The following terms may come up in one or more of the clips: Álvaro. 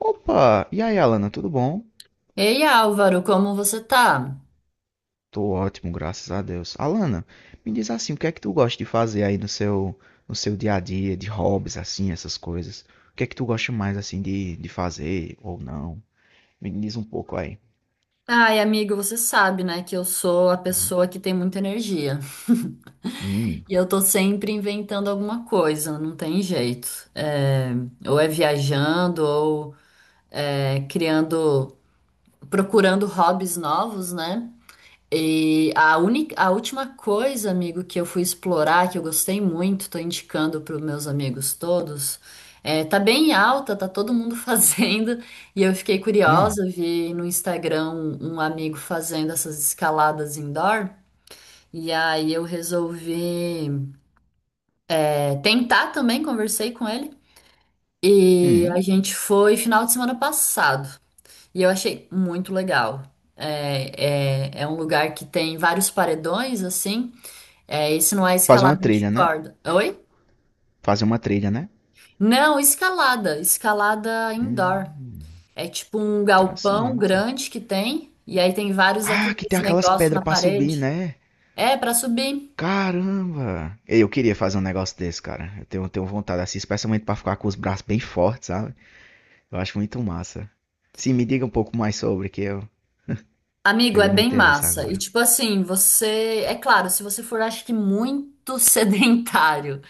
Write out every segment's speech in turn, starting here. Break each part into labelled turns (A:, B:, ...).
A: Opa! E aí, Alana, tudo bom?
B: Ei, Álvaro, como você tá?
A: Tô ótimo, graças a Deus. Alana, me diz assim, o que é que tu gosta de fazer aí no seu no seu dia a dia, de hobbies assim, essas coisas? O que é que tu gosta mais assim de fazer ou não? Me diz um pouco aí.
B: Ai, amigo, você sabe, né, que eu sou a
A: Uhum.
B: pessoa que tem muita energia.
A: Hum,
B: E eu tô sempre inventando alguma coisa, não tem jeito. É, ou é viajando, ou criando, procurando hobbies novos, né? E a última coisa, amigo, que eu fui explorar, que eu gostei muito, tô indicando para os meus amigos todos, tá bem em alta, tá todo mundo fazendo, e eu fiquei
A: hum,
B: curiosa, vi no Instagram um amigo fazendo essas escaladas indoor, e aí eu resolvi, tentar também, conversei com ele, e a
A: hum.
B: gente foi final de semana passado, e eu achei muito legal. É um lugar que tem vários paredões, assim. É, esse não é
A: Fazer uma
B: escalada de
A: trilha, né?
B: corda. Oi?
A: Fazer uma trilha, né?
B: Não, escalada. Escalada indoor.
A: Hum,
B: É tipo um galpão
A: interessante.
B: grande que tem, e aí tem vários
A: Ah, que
B: aqueles
A: tem aquelas
B: negócios
A: pedras
B: na
A: pra subir,
B: parede.
A: né?
B: É, pra subir.
A: Caramba! Ei, eu queria fazer um negócio desse, cara. Eu tenho vontade, assim, especialmente pra ficar com os braços bem fortes, sabe? Eu acho muito massa. Sim, me diga um pouco mais sobre, que eu
B: Amigo, é
A: pegou meu
B: bem
A: interesse
B: massa. E
A: agora.
B: tipo assim, você. É claro, se você for, acho que muito sedentário,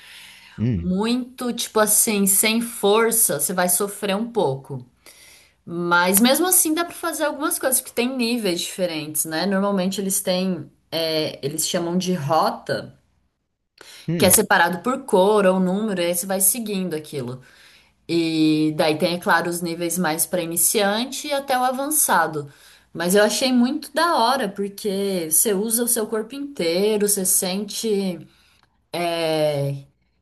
A: Hum,
B: muito, tipo assim, sem força, você vai sofrer um pouco. Mas mesmo assim dá para fazer algumas coisas, porque tem níveis diferentes, né? Normalmente eles têm, eles chamam de rota, que é
A: hum.
B: separado por cor ou número, e aí você vai seguindo aquilo. E daí tem, é claro, os níveis mais para iniciante e até o avançado. Mas eu achei muito da hora, porque você usa o seu corpo inteiro, você sente. É,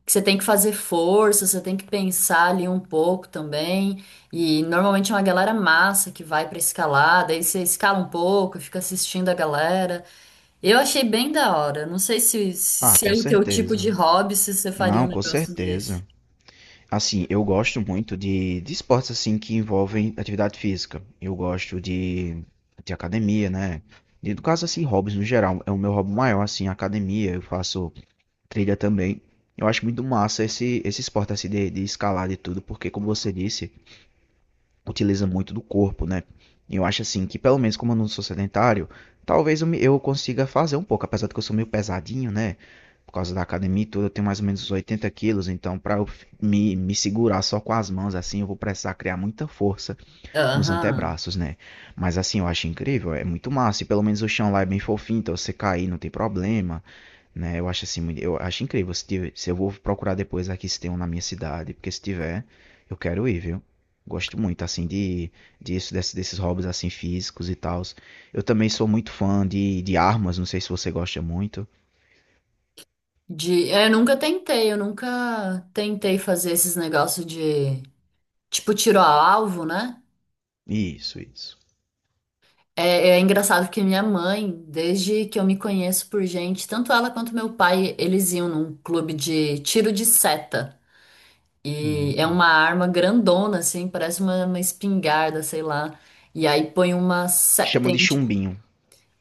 B: que você tem que fazer força, você tem que pensar ali um pouco também. E normalmente é uma galera massa que vai pra escalar, daí você escala um pouco, fica assistindo a galera. Eu achei bem da hora. Não sei
A: Ah,
B: se
A: com
B: é o teu tipo de
A: certeza.
B: hobby, se você faria
A: Não,
B: um
A: com
B: negócio desse.
A: certeza. Assim, eu gosto muito de esportes assim que envolvem atividade física. Eu gosto de academia, né? E no caso, assim, hobbies no geral. É o meu hobby maior, assim, academia. Eu faço trilha também. Eu acho muito massa esse esporte assim de escalar de tudo, porque como você disse, utiliza muito do corpo, né? Eu acho assim que, pelo menos como eu não sou sedentário, talvez eu, eu consiga fazer um pouco, apesar de que eu sou meio pesadinho, né? Por causa da academia e tudo, eu tenho mais ou menos uns 80 quilos, então para eu me segurar só com as mãos assim, eu vou precisar criar muita força nos
B: Aham.
A: antebraços, né? Mas assim, eu acho incrível, é muito massa, e pelo menos o chão lá é bem fofinho, então você cair não tem problema, né? Eu acho assim, eu acho incrível. Se eu vou procurar depois aqui se tem um na minha cidade, porque se tiver, eu quero ir, viu? Gosto muito, assim, de, desses hobbies, assim, físicos e tal. Eu também sou muito fã de armas, não sei se você gosta muito.
B: De, eu nunca tentei fazer esses negócios de tipo tiro a alvo, né?
A: Isso, isso.
B: É engraçado que minha mãe, desde que eu me conheço por gente, tanto ela quanto meu pai, eles iam num clube de tiro de seta. E é
A: Hum.
B: uma arma grandona, assim, parece uma espingarda, sei lá. E aí põe uma. Se-
A: Chamam
B: tem,
A: de chumbinho.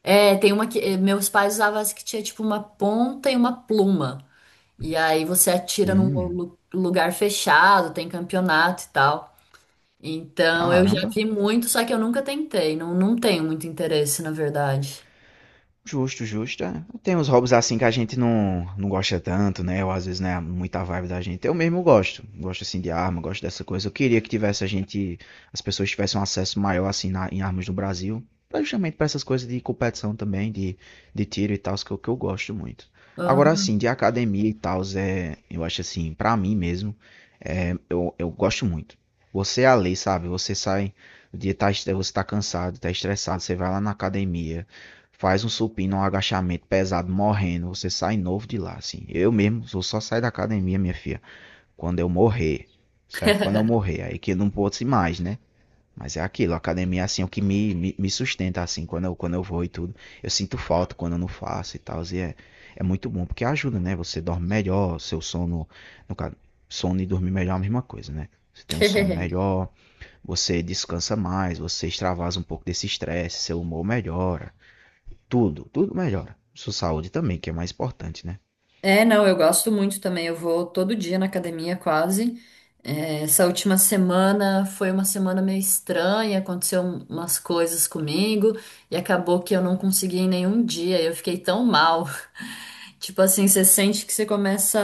B: tem uma que. Meus pais usavam essa que tinha tipo uma ponta e uma pluma. E aí você atira num
A: Hum,
B: lugar fechado, tem campeonato e tal. Então eu já
A: caramba.
B: vi muito, só que eu nunca tentei. Não, não tenho muito interesse, na verdade.
A: Justo, justo. É. Tem uns hobbies assim que a gente não gosta tanto, né? Ou às vezes não é muita vibe da gente. Eu mesmo gosto. Gosto assim de arma, gosto dessa coisa. Eu queria que tivesse a gente, as pessoas tivessem um acesso maior assim em armas no Brasil. Pra Justamente pra essas coisas de competição também, de tiro e tal, que eu gosto muito. Agora
B: Aham.
A: assim, de academia e tal, é, eu acho assim, pra mim mesmo, é, eu gosto muito. Você é a lei, sabe? Você sai, o dia tá, você tá cansado, tá estressado, você vai lá na academia. Faz um supino, um agachamento pesado, morrendo, você sai novo de lá, assim. Eu mesmo vou só sair da academia, minha filha, quando eu morrer, certo? Quando eu morrer, aí que eu não posso ir mais, né? Mas é aquilo, a academia, é assim, é o que me sustenta, assim, quando eu vou e tudo. Eu sinto falta quando eu não faço e tal, e é, é muito bom, porque ajuda, né? Você dorme melhor, seu sono, no caso, sono e dormir melhor é a mesma coisa, né? Você tem um sono melhor, você descansa mais, você extravasa um pouco desse estresse, seu humor melhora. Tudo, tudo melhora. Sua saúde também, que é mais importante, né?
B: É, não, eu gosto muito também. Eu vou todo dia na academia, quase. É, essa última semana foi uma semana meio estranha, umas coisas comigo e acabou que eu não consegui em nenhum dia. Eu fiquei tão mal. Tipo assim, você sente que você começa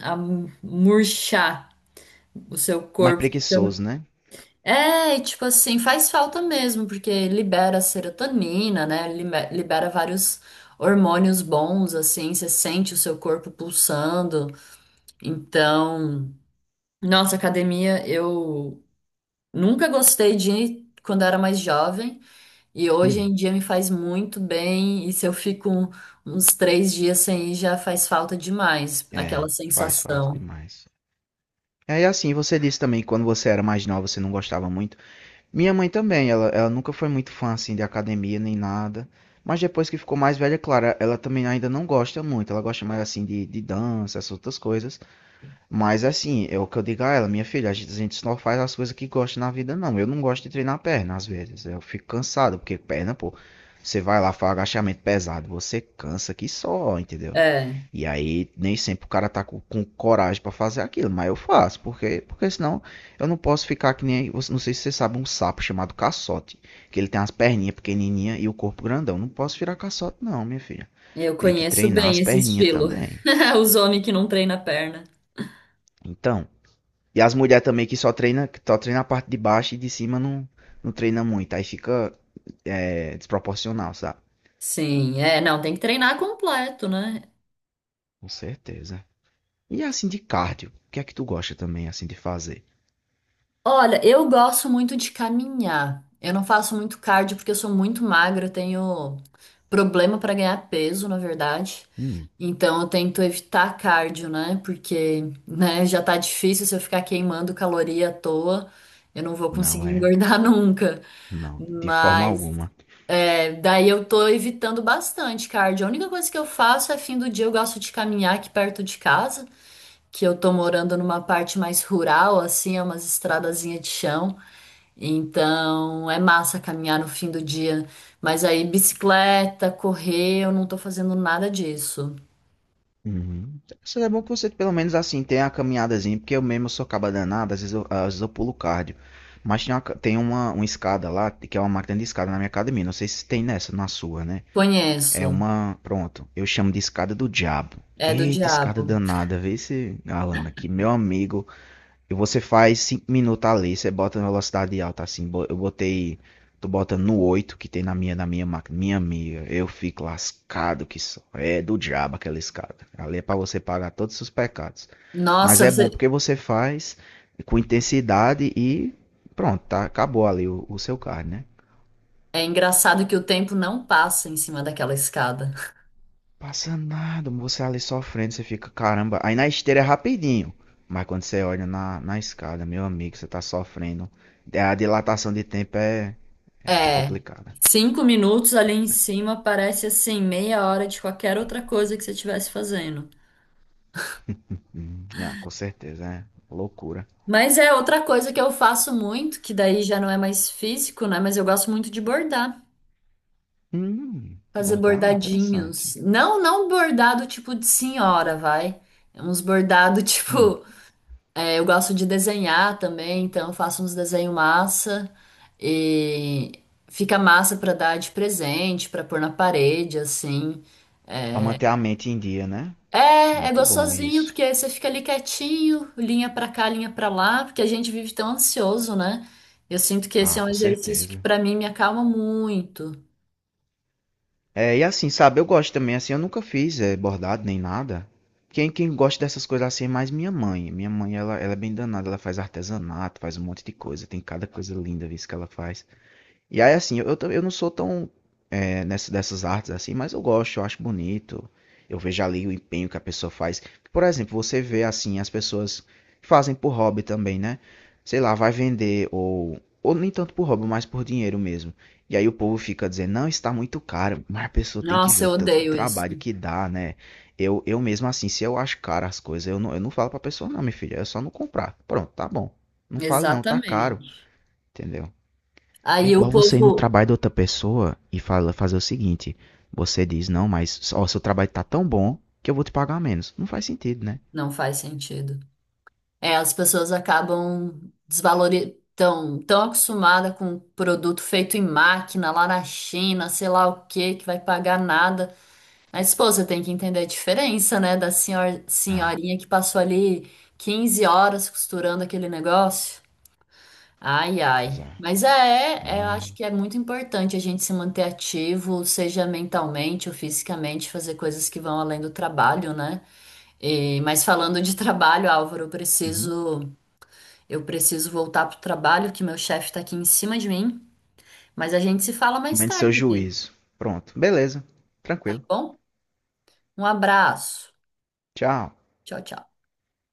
B: a murchar o seu
A: Mais
B: corpo.
A: preguiçoso, né?
B: É, e tipo assim, faz falta mesmo, porque libera serotonina, né? Libera vários hormônios bons, assim, você sente o seu corpo pulsando. Então, nossa, academia, eu nunca gostei de ir quando era mais jovem, e hoje
A: Hum,
B: em dia me faz muito bem, e se eu fico uns três dias sem ir, já faz falta demais, aquela
A: é, faz falta
B: sensação.
A: demais. É, e assim, você disse também que quando você era mais nova você não gostava muito. Minha mãe também, ela nunca foi muito fã assim de academia nem nada. Mas depois que ficou mais velha, é claro, ela também ainda não gosta muito. Ela gosta mais assim de dança, essas outras coisas. Mas assim, é o que eu digo a ela, minha filha, a gente só faz as coisas que gosta na vida, não. Eu não gosto de treinar perna às vezes. Eu fico cansado, porque perna, pô, você vai lá, faz agachamento pesado, você cansa que só, entendeu?
B: É,
A: E aí nem sempre o cara tá com coragem pra fazer aquilo, mas eu faço, porque, porque senão eu não posso ficar que nem, não sei se você sabe, um sapo chamado caçote, que ele tem as perninhas pequenininhas e o corpo grandão. Não posso virar caçote não, minha filha.
B: eu
A: Tem que
B: conheço
A: treinar
B: bem
A: as
B: esse
A: perninhas
B: estilo.
A: também.
B: Os homens que não treinam a perna.
A: Então, e as mulheres também que só treina a parte de baixo e de cima não, não treina muito. Aí fica é, desproporcional, sabe?
B: Sim, é, não, tem que treinar completo, né?
A: Com certeza. E assim de cardio, o que é que tu gosta também assim de fazer?
B: Olha, eu gosto muito de caminhar. Eu não faço muito cardio porque eu sou muito magra, eu tenho problema para ganhar peso, na verdade.
A: Hum,
B: Então eu tento evitar cardio, né? Porque, né, já tá difícil se eu ficar queimando caloria à toa, eu não vou
A: não
B: conseguir
A: é,
B: engordar nunca.
A: não, de forma
B: Mas
A: alguma.
B: daí eu tô evitando bastante cardio. A única coisa que eu faço é fim do dia eu gosto de caminhar aqui perto de casa. Que eu tô morando numa parte mais rural, assim, é umas estradazinhas de chão. Então é massa caminhar no fim do dia. Mas aí, bicicleta, correr, eu não tô fazendo nada disso.
A: Uhum. Isso é bom que você pelo menos assim tenha a caminhadazinha, porque eu mesmo sou caba danado, às vezes eu pulo cardio. Mas tem uma, uma escada lá, que é uma máquina de escada na minha academia, não sei se tem nessa, na sua, né? É
B: Conheço.
A: uma. Pronto, eu chamo de escada do diabo.
B: É do
A: Eita, escada
B: diabo.
A: danada, vê se, Alana, que meu amigo. E você faz 5 minutos ali, você bota na velocidade alta assim. Eu botei. Tô botando no 8 que tem na minha máquina. Minha amiga, eu fico lascado que só. É do diabo aquela escada. Ali é pra você pagar todos os seus pecados. Mas
B: Nossa,
A: é bom
B: você...
A: porque você faz com intensidade e pronto, tá, acabou ali o seu card, né?
B: É engraçado que o tempo não passa em cima daquela escada.
A: Passa nada, você ali sofrendo, você fica, caramba. Aí na esteira é rapidinho. Mas quando você olha na, na escada, meu amigo, você tá sofrendo. É, a dilatação de tempo é, é, é
B: É.
A: complicada.
B: Cinco minutos ali em cima parece assim, meia hora de qualquer outra coisa que você estivesse fazendo.
A: Ah, com certeza, é loucura.
B: Mas é outra coisa que eu faço muito, que daí já não é mais físico, né? Mas eu gosto muito de bordar, fazer
A: Bordar, interessante.
B: bordadinhos. Não, não bordado tipo de senhora, vai. É uns bordado
A: Hum,
B: tipo, eu gosto de desenhar também, então eu faço uns desenho massa e fica massa pra dar de presente, pra pôr na parede, assim.
A: para manter a mente em dia, né?
B: É, é
A: Muito bom
B: gostosinho,
A: isso.
B: porque aí você fica ali quietinho, linha pra cá, linha pra lá, porque a gente vive tão ansioso, né? Eu sinto que esse é
A: Ah,
B: um
A: com
B: exercício que
A: certeza.
B: pra mim me acalma muito.
A: É, e assim, sabe, eu gosto também, assim, eu nunca fiz bordado nem nada. Quem, quem gosta dessas coisas assim é mais minha mãe. Minha mãe, ela é bem danada, ela faz artesanato, faz um monte de coisa, tem cada coisa linda, viu, isso que ela faz. E aí, assim, eu, eu não sou tão, é, nessa, dessas artes assim, mas eu gosto, eu acho bonito. Eu vejo ali o empenho que a pessoa faz. Por exemplo, você vê assim as pessoas que fazem por hobby também, né? Sei lá, vai vender ou nem tanto por hobby, mas por dinheiro mesmo. E aí o povo fica dizendo, não, está muito caro, mas a pessoa tem que ver
B: Nossa,
A: o
B: eu
A: tanto de
B: odeio isso.
A: trabalho que dá, né? Eu mesmo assim, se eu acho caro as coisas, eu não falo pra pessoa, não, minha filha, é só não comprar. Pronto, tá bom. Não fale não, tá caro,
B: Exatamente.
A: entendeu? É
B: Aí o
A: igual você ir
B: povo
A: no trabalho da outra pessoa e fala, fazer o seguinte: você diz, não, mas ó, seu trabalho tá tão bom que eu vou te pagar menos. Não faz sentido, né?
B: não faz sentido. É, as pessoas acabam desvalorizando, tão acostumada com produto feito em máquina lá na China, sei lá o que que vai pagar nada. Mas, pô, você tem que entender a diferença, né, da
A: Ah,
B: senhorinha que passou ali 15 horas costurando aquele negócio. Ai, ai.
A: já.
B: É,
A: Não
B: eu
A: é.
B: acho que é muito importante a gente se manter ativo, seja mentalmente ou fisicamente, fazer coisas que vão além do trabalho, né? E, mas falando de trabalho, Álvaro,
A: Uhum.
B: eu preciso voltar pro trabalho, que meu chefe tá aqui em cima de mim. Mas a gente se fala mais
A: Menos seu
B: tarde,
A: juízo. Pronto, beleza,
B: tá
A: tranquilo.
B: bom? Um abraço.
A: Tchau.
B: Tchau, tchau.